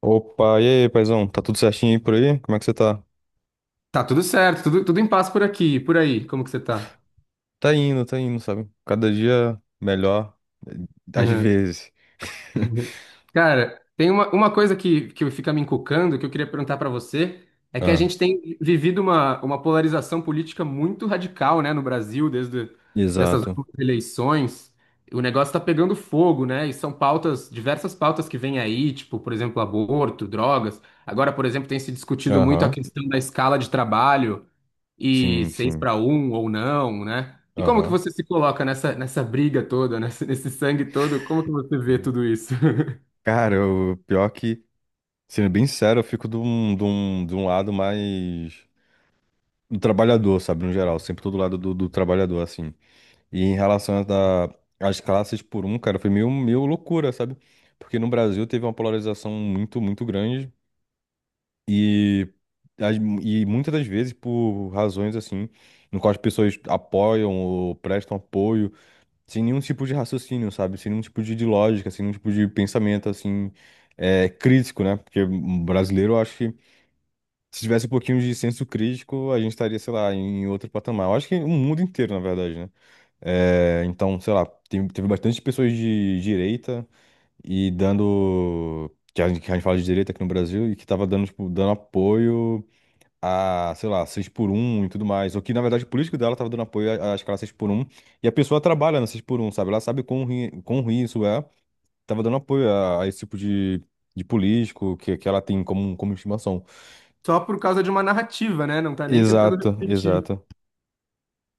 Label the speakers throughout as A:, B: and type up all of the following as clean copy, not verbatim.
A: Opa, e aí, paizão? Tá tudo certinho aí por aí? Como é que você tá?
B: Tá tudo certo, tudo, tudo em paz por aqui, por aí. Como que você tá?
A: Tá indo, sabe? Cada dia melhor, eh, às vezes.
B: Cara, tem uma coisa que fica me encucando, que eu queria perguntar pra você, é que a
A: Ah,
B: gente tem vivido uma polarização política muito radical, né, no Brasil, desde dessas
A: exato.
B: últimas eleições. O negócio tá pegando fogo, né? E são pautas, diversas pautas que vêm aí, tipo, por exemplo, aborto, drogas. Agora, por exemplo, tem se discutido muito a
A: Aham.
B: questão da escala de trabalho. E
A: Sim,
B: seis
A: sim.
B: para um ou não, né? E como que
A: Aham.
B: você se coloca nessa briga toda, nesse sangue todo? Como que você vê tudo isso?
A: Cara, o pior que, sendo bem sério, eu fico de um lado mais do trabalhador, sabe, no geral. Sempre todo lado do trabalhador, assim. E em relação às classes por um, cara, foi meio, meio loucura, sabe? Porque no Brasil teve uma polarização muito, muito grande. E, as- e muitas das vezes por razões assim, no qual as pessoas apoiam ou prestam apoio, sem nenhum tipo de raciocínio, sabe? Sem nenhum tipo de lógica, sem nenhum tipo de pensamento assim, é, crítico, né? Porque um brasileiro, eu acho que se tivesse um pouquinho de senso crítico, a gente estaria, sei lá, em outro patamar. Eu acho que o mundo inteiro, na verdade, né? É, então, sei lá, teve bastante pessoas de direita e dando. Que a gente fala de direita aqui no Brasil e que tava dando, tipo, dando apoio a, sei lá, 6x1 e tudo mais. Ou que, na verdade, o político dela tava dando apoio à escala 6x1. E a pessoa trabalha na 6x1, sabe? Ela sabe quão ruim isso é. Tava dando apoio a esse tipo de político que ela tem como estimação.
B: Só por causa de uma narrativa, né? Não tá nem tentando
A: Exato,
B: refletir.
A: exato.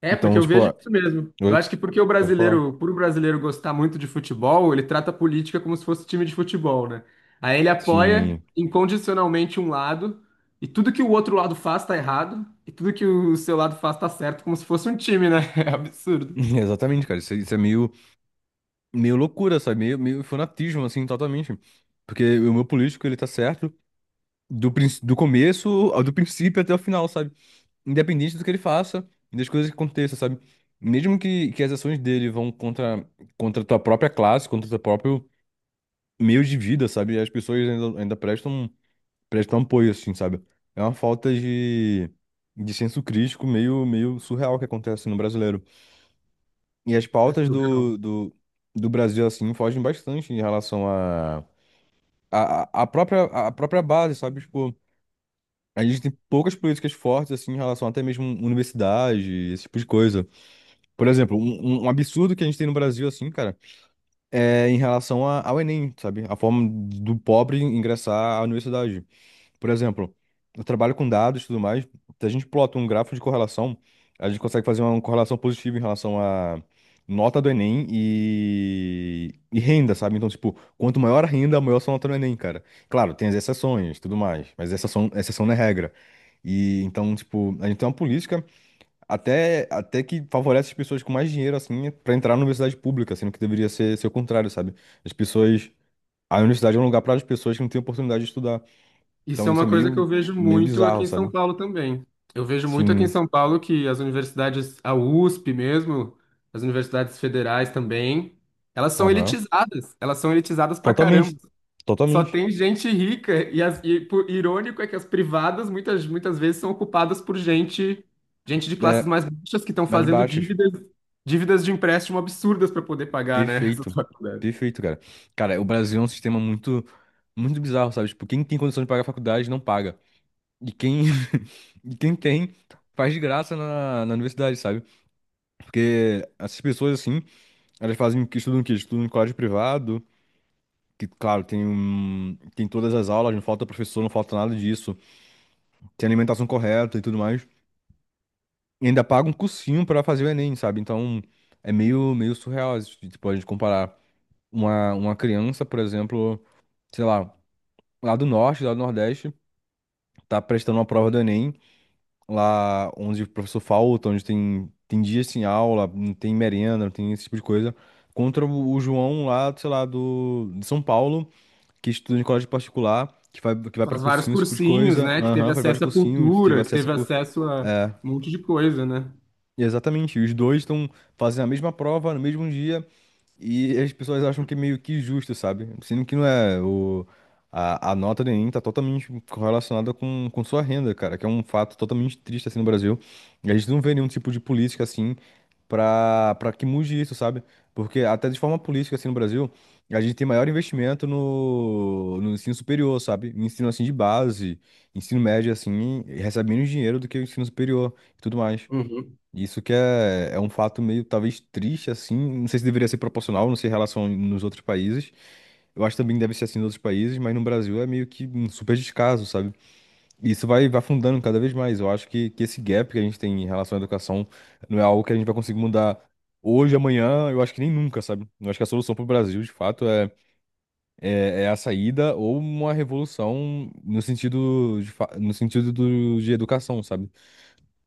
B: É, porque
A: Então,
B: eu
A: tipo,
B: vejo
A: ó,
B: isso mesmo. Eu
A: oi,
B: acho que porque o
A: pode falar.
B: brasileiro, por o brasileiro gostar muito de futebol, ele trata a política como se fosse time de futebol, né? Aí ele apoia
A: Sim.
B: incondicionalmente um lado, e tudo que o outro lado faz tá errado, e tudo que o seu lado faz tá certo, como se fosse um time, né? É absurdo.
A: Exatamente, cara. Isso é meio, meio loucura, sabe? Meio, meio fanatismo, assim, totalmente. Porque o meu político, ele tá certo do começo, do princípio até o final, sabe? Independente do que ele faça e das coisas que aconteçam, sabe? Mesmo que as ações dele vão contra, a tua própria classe, contra o teu próprio meio de vida, sabe? As pessoas ainda prestam, apoio, assim, sabe? É uma falta de senso crítico meio, meio surreal que acontece no brasileiro. E as
B: É
A: pautas
B: surreal.
A: do Brasil, assim, fogem bastante em relação à a própria base, sabe? Tipo, a gente tem poucas políticas fortes, assim, em relação até mesmo universidade, esse tipo de coisa. Por exemplo, um um absurdo que a gente tem no Brasil, assim, cara, é em relação ao Enem, sabe? A forma do pobre ingressar à universidade. Por exemplo, eu trabalho com dados e tudo mais. Se a gente plota um gráfico de correlação, a gente consegue fazer uma correlação positiva em relação à nota do Enem e renda, sabe? Então, tipo, quanto maior a renda, maior sua nota no Enem, cara. Claro, tem as exceções e tudo mais, mas exceção, exceção não é regra. E então, tipo, a gente tem uma política. Até, até que favorece as pessoas com mais dinheiro, assim, pra entrar na universidade pública, sendo que deveria ser o contrário, sabe? As pessoas. A universidade é um lugar para as pessoas que não têm oportunidade de estudar.
B: Isso
A: Então
B: é
A: isso
B: uma
A: é
B: coisa que eu
A: meio,
B: vejo
A: meio
B: muito aqui
A: bizarro,
B: em São
A: sabe?
B: Paulo também. Eu vejo muito aqui em
A: Sim.
B: São Paulo que as universidades, a USP mesmo, as universidades federais também, elas são
A: Aham.
B: elitizadas. Elas são elitizadas pra caramba.
A: Totalmente.
B: Só
A: Totalmente.
B: tem gente rica e, as, e por, irônico é que as privadas muitas vezes são ocupadas por gente, gente de classes
A: É,
B: mais baixas que estão
A: mais
B: fazendo
A: baixos.
B: dívidas, dívidas de empréstimo absurdas para poder pagar, né?
A: Perfeito. Perfeito, cara. Cara, o Brasil é um sistema muito, muito bizarro, sabe? Tipo, quem tem condição de pagar a faculdade não paga. E quem, e quem tem, faz de graça na universidade, sabe? Porque essas pessoas, assim. Elas fazem o que estudam o quê? Estudam em colégio privado, que, claro, tem todas as aulas, não falta professor, não falta nada disso. Tem alimentação correta e tudo mais. E ainda paga um cursinho pra fazer o Enem, sabe? Então, é meio, meio surreal, isso, tipo, a gente comparar uma criança, por exemplo, sei lá, lá do norte, lá do nordeste, tá prestando uma prova do Enem, lá onde o professor falta, onde tem dias sem aula, não tem merenda, não tem esse tipo de coisa, contra o João lá, sei lá, do, de São Paulo que estuda em colégio particular, que vai pra
B: Faz vários
A: cursinho, esse tipo de
B: cursinhos,
A: coisa.
B: né? Que teve
A: Aham, faz vários
B: acesso à
A: cursinhos, teve
B: cultura, que
A: acesso a.
B: teve acesso a
A: É,
B: um monte de coisa, né?
A: exatamente. Os dois estão fazendo a mesma prova no mesmo dia, e as pessoas acham que é meio que justo, sabe? Sendo que não é. A nota do Enem tá totalmente correlacionada com sua renda, cara, que é um fato totalmente triste assim no Brasil. E a gente não vê nenhum tipo de política assim pra que mude isso, sabe? Porque até de forma política assim no Brasil, a gente tem maior investimento no ensino superior, sabe? No ensino assim de base, ensino médio assim, e recebe menos dinheiro do que o ensino superior e tudo mais.
B: Uhum.
A: Isso que é, é um fato meio, talvez, triste, assim. Não sei se deveria ser proporcional, não sei em relação nos outros países. Eu acho também que deve ser assim nos outros países, mas no Brasil é meio que um super descaso, sabe? E isso vai, vai afundando cada vez mais. Eu acho que esse gap que a gente tem em relação à educação não é algo que a gente vai conseguir mudar hoje, amanhã, eu acho que nem nunca, sabe? Eu acho que a solução para o Brasil, de fato, é a saída ou uma revolução no sentido, no sentido de educação, sabe?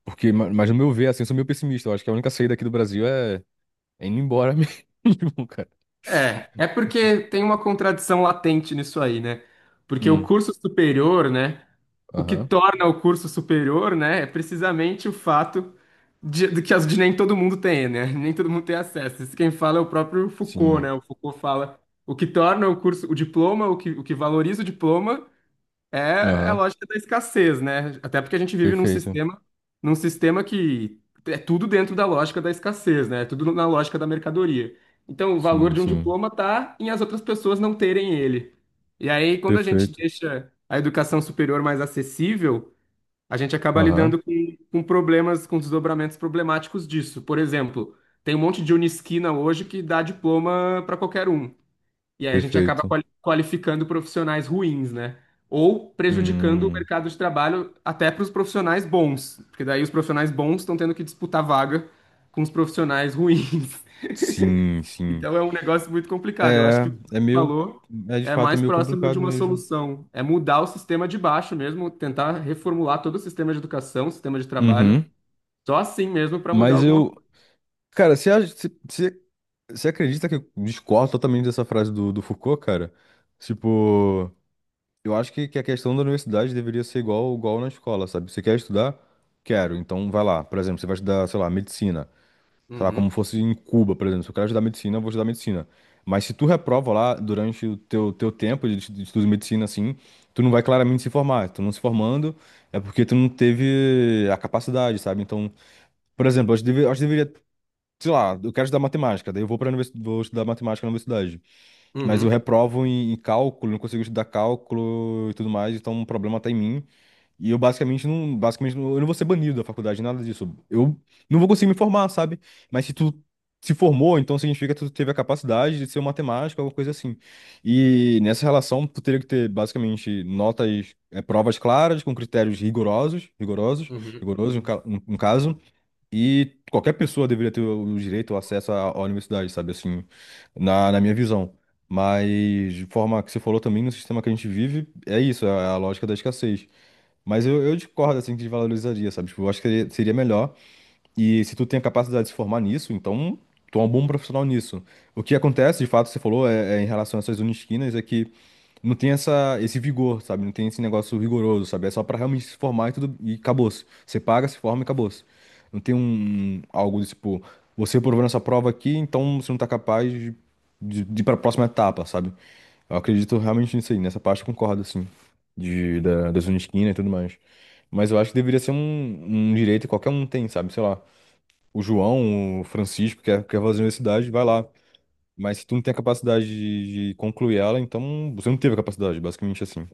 A: Porque, mas no meu ver, assim, eu sou meio pessimista. Eu acho que a única saída aqui do Brasil é indo embora mesmo, cara.
B: É, é porque tem uma contradição latente nisso aí, né? Porque o
A: Hum,
B: curso superior, né? O que
A: aham,
B: torna o curso superior, né? É precisamente o fato de que as, de nem todo mundo tem, né? Nem todo mundo tem acesso. Isso quem fala é o próprio Foucault,
A: sim,
B: né? O Foucault fala o que torna o curso, o diploma, o que valoriza o diploma. É a
A: aham,
B: lógica da escassez, né? Até porque a gente vive
A: perfeito.
B: num sistema que é tudo dentro da lógica da escassez, né? É tudo na lógica da mercadoria. Então, o valor
A: Sim,
B: de um
A: sim,
B: diploma tá em as outras pessoas não terem ele. E aí, quando a gente
A: perfeito.
B: deixa a educação superior mais acessível, a gente acaba
A: Aham,
B: lidando com problemas, com desdobramentos problemáticos disso. Por exemplo, tem um monte de Unisquina hoje que dá diploma para qualquer um. E aí a gente acaba
A: perfeito.
B: qualificando profissionais ruins, né? Ou prejudicando o
A: Hum,
B: mercado de trabalho até para os profissionais bons, porque daí os profissionais bons estão tendo que disputar vaga com os profissionais ruins.
A: sim, sim.
B: Então é um negócio muito complicado. Eu acho
A: É,
B: que o que
A: é
B: você
A: meio,
B: falou
A: é de
B: é
A: fato, é
B: mais
A: meio
B: próximo de
A: complicado
B: uma
A: mesmo.
B: solução, é mudar o sistema de baixo mesmo, tentar reformular todo o sistema de educação, sistema de trabalho,
A: Uhum.
B: só assim mesmo para mudar
A: Mas
B: alguma
A: eu,
B: coisa.
A: cara, você acha- você você- você acredita que eu discordo totalmente dessa frase do Foucault, cara? Tipo, eu acho que a questão da universidade deveria ser igual, igual na escola, sabe? Você quer estudar? Quero, então vai lá. Por exemplo, você vai estudar, sei lá, medicina. Sei lá, como
B: Uhum,
A: fosse em Cuba, por exemplo. Se eu quero estudar medicina, eu vou estudar medicina. Mas se tu reprova lá durante o teu, teu tempo de, de estudo de medicina, assim, tu não vai claramente se formar. Tu não se formando é porque tu não teve a capacidade, sabe? Então, por exemplo, eu acho que deveria, sei lá, eu quero estudar matemática, daí eu vou estudar matemática na universidade. Mas eu
B: uhum,
A: reprovo em cálculo, não consigo estudar cálculo e tudo mais, então um problema tá em mim. E eu basicamente não- eu não vou ser banido da faculdade, nada disso. Eu não vou conseguir me formar, sabe? Mas se tu se formou, então significa que tu teve a capacidade de ser um matemático, alguma coisa assim. E nessa relação, tu teria que ter basicamente notas, provas claras, com critérios rigorosos, rigorosos,
B: uhum.
A: rigorosos no caso. E qualquer pessoa deveria ter o direito ao acesso à universidade, sabe? Assim, na minha visão. Mas, de forma que você falou também, no sistema que a gente vive, é isso, é a lógica da escassez. Mas eu discordo, assim, que desvalorizaria, sabe? Tipo, eu acho que seria melhor. E se tu tem a capacidade de se formar nisso, então tu é um bom profissional nisso. O que acontece, de fato, você falou, é em relação a essas unisquinas, é que não tem essa, esse vigor, sabe? Não tem esse negócio rigoroso, sabe? É só pra realmente se formar e tudo, e acabou-se. Você paga, se forma e acabou-se. Não tem um, algo desse tipo, você aprovou nessa prova aqui, então você não tá capaz de, de ir pra próxima etapa, sabe? Eu acredito realmente nisso aí, nessa parte eu concordo, assim, das Unisquina e tudo mais. Mas eu acho que deveria ser um, um direito que qualquer um tem, sabe? Sei lá, o João, o Francisco, quer fazer a universidade, vai lá. Mas se tu não tem a capacidade de concluir ela, então você não teve a capacidade, basicamente assim.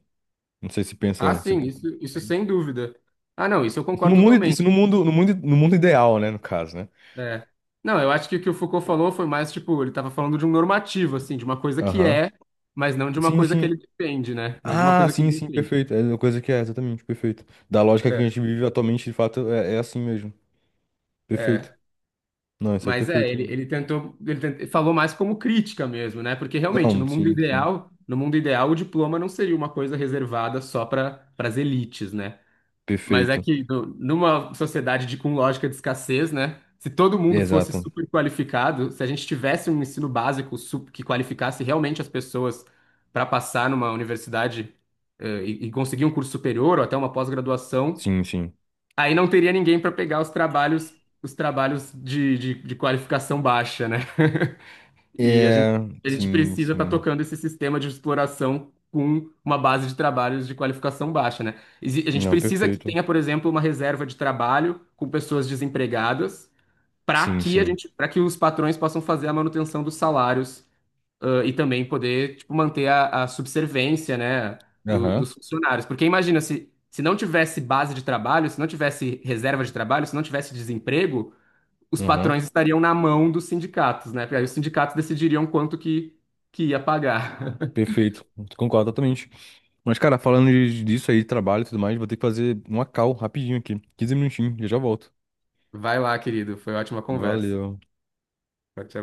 A: Não sei se
B: Ah,
A: pensa, se
B: sim,
A: pensa
B: isso sem
A: diferente.
B: dúvida. Ah, não, isso eu
A: Isso no
B: concordo
A: mundo, isso
B: totalmente.
A: no mundo, no mundo, no mundo ideal, né, no caso, né?
B: É. Não, eu acho que o Foucault falou foi mais, tipo, ele estava falando de um normativo, assim, de uma coisa que
A: Aham.
B: é, mas não de uma
A: Sim,
B: coisa que
A: sim.
B: ele defende, né? Não de uma
A: Ah,
B: coisa que ele
A: sim, sim,
B: defende.
A: perfeito. É uma coisa que é, exatamente, perfeito. Da lógica que
B: É,
A: a gente vive atualmente, de fato, é, é assim mesmo. Perfeito.
B: é.
A: Não, isso é
B: Mas é,
A: perfeito
B: ele,
A: mesmo.
B: ele tentou, ele falou mais como crítica mesmo, né? Porque realmente,
A: Não,
B: no mundo
A: sim, sim.
B: ideal, no mundo ideal, o diploma não seria uma coisa reservada só para as elites, né? Mas é
A: Perfeito.
B: que numa sociedade de, com lógica de escassez, né? Se todo mundo fosse
A: Exato.
B: super qualificado, se a gente tivesse um ensino básico que qualificasse realmente as pessoas para passar numa universidade, e conseguir um curso superior ou até uma pós-graduação,
A: Sim, sim.
B: aí não teria ninguém para pegar os trabalhos de qualificação baixa, né? E
A: É,
B: a gente
A: sim,
B: precisa estar
A: sim.
B: tocando esse sistema de exploração com uma base de trabalhos de qualificação baixa, né? A gente
A: Não,
B: precisa que
A: perfeito.
B: tenha, por exemplo, uma reserva de trabalho com pessoas desempregadas para
A: Sim,
B: que a
A: sim.
B: gente, para que os patrões possam fazer a manutenção dos salários, e também poder, tipo, manter a subservência, né,
A: Aham,
B: dos funcionários. Porque imagina se se não tivesse base de trabalho, se não tivesse reserva de trabalho, se não tivesse desemprego os
A: aham.
B: patrões estariam na mão dos sindicatos, né? Porque aí os sindicatos decidiriam quanto que ia pagar.
A: Perfeito. Concordo totalmente. Mas, cara, falando disso aí, trabalho e tudo mais, vou ter que fazer uma call rapidinho aqui. 15 minutinhos, eu já volto.
B: Vai lá, querido. Foi ótima conversa.
A: Valeu.
B: Tchau, tchau.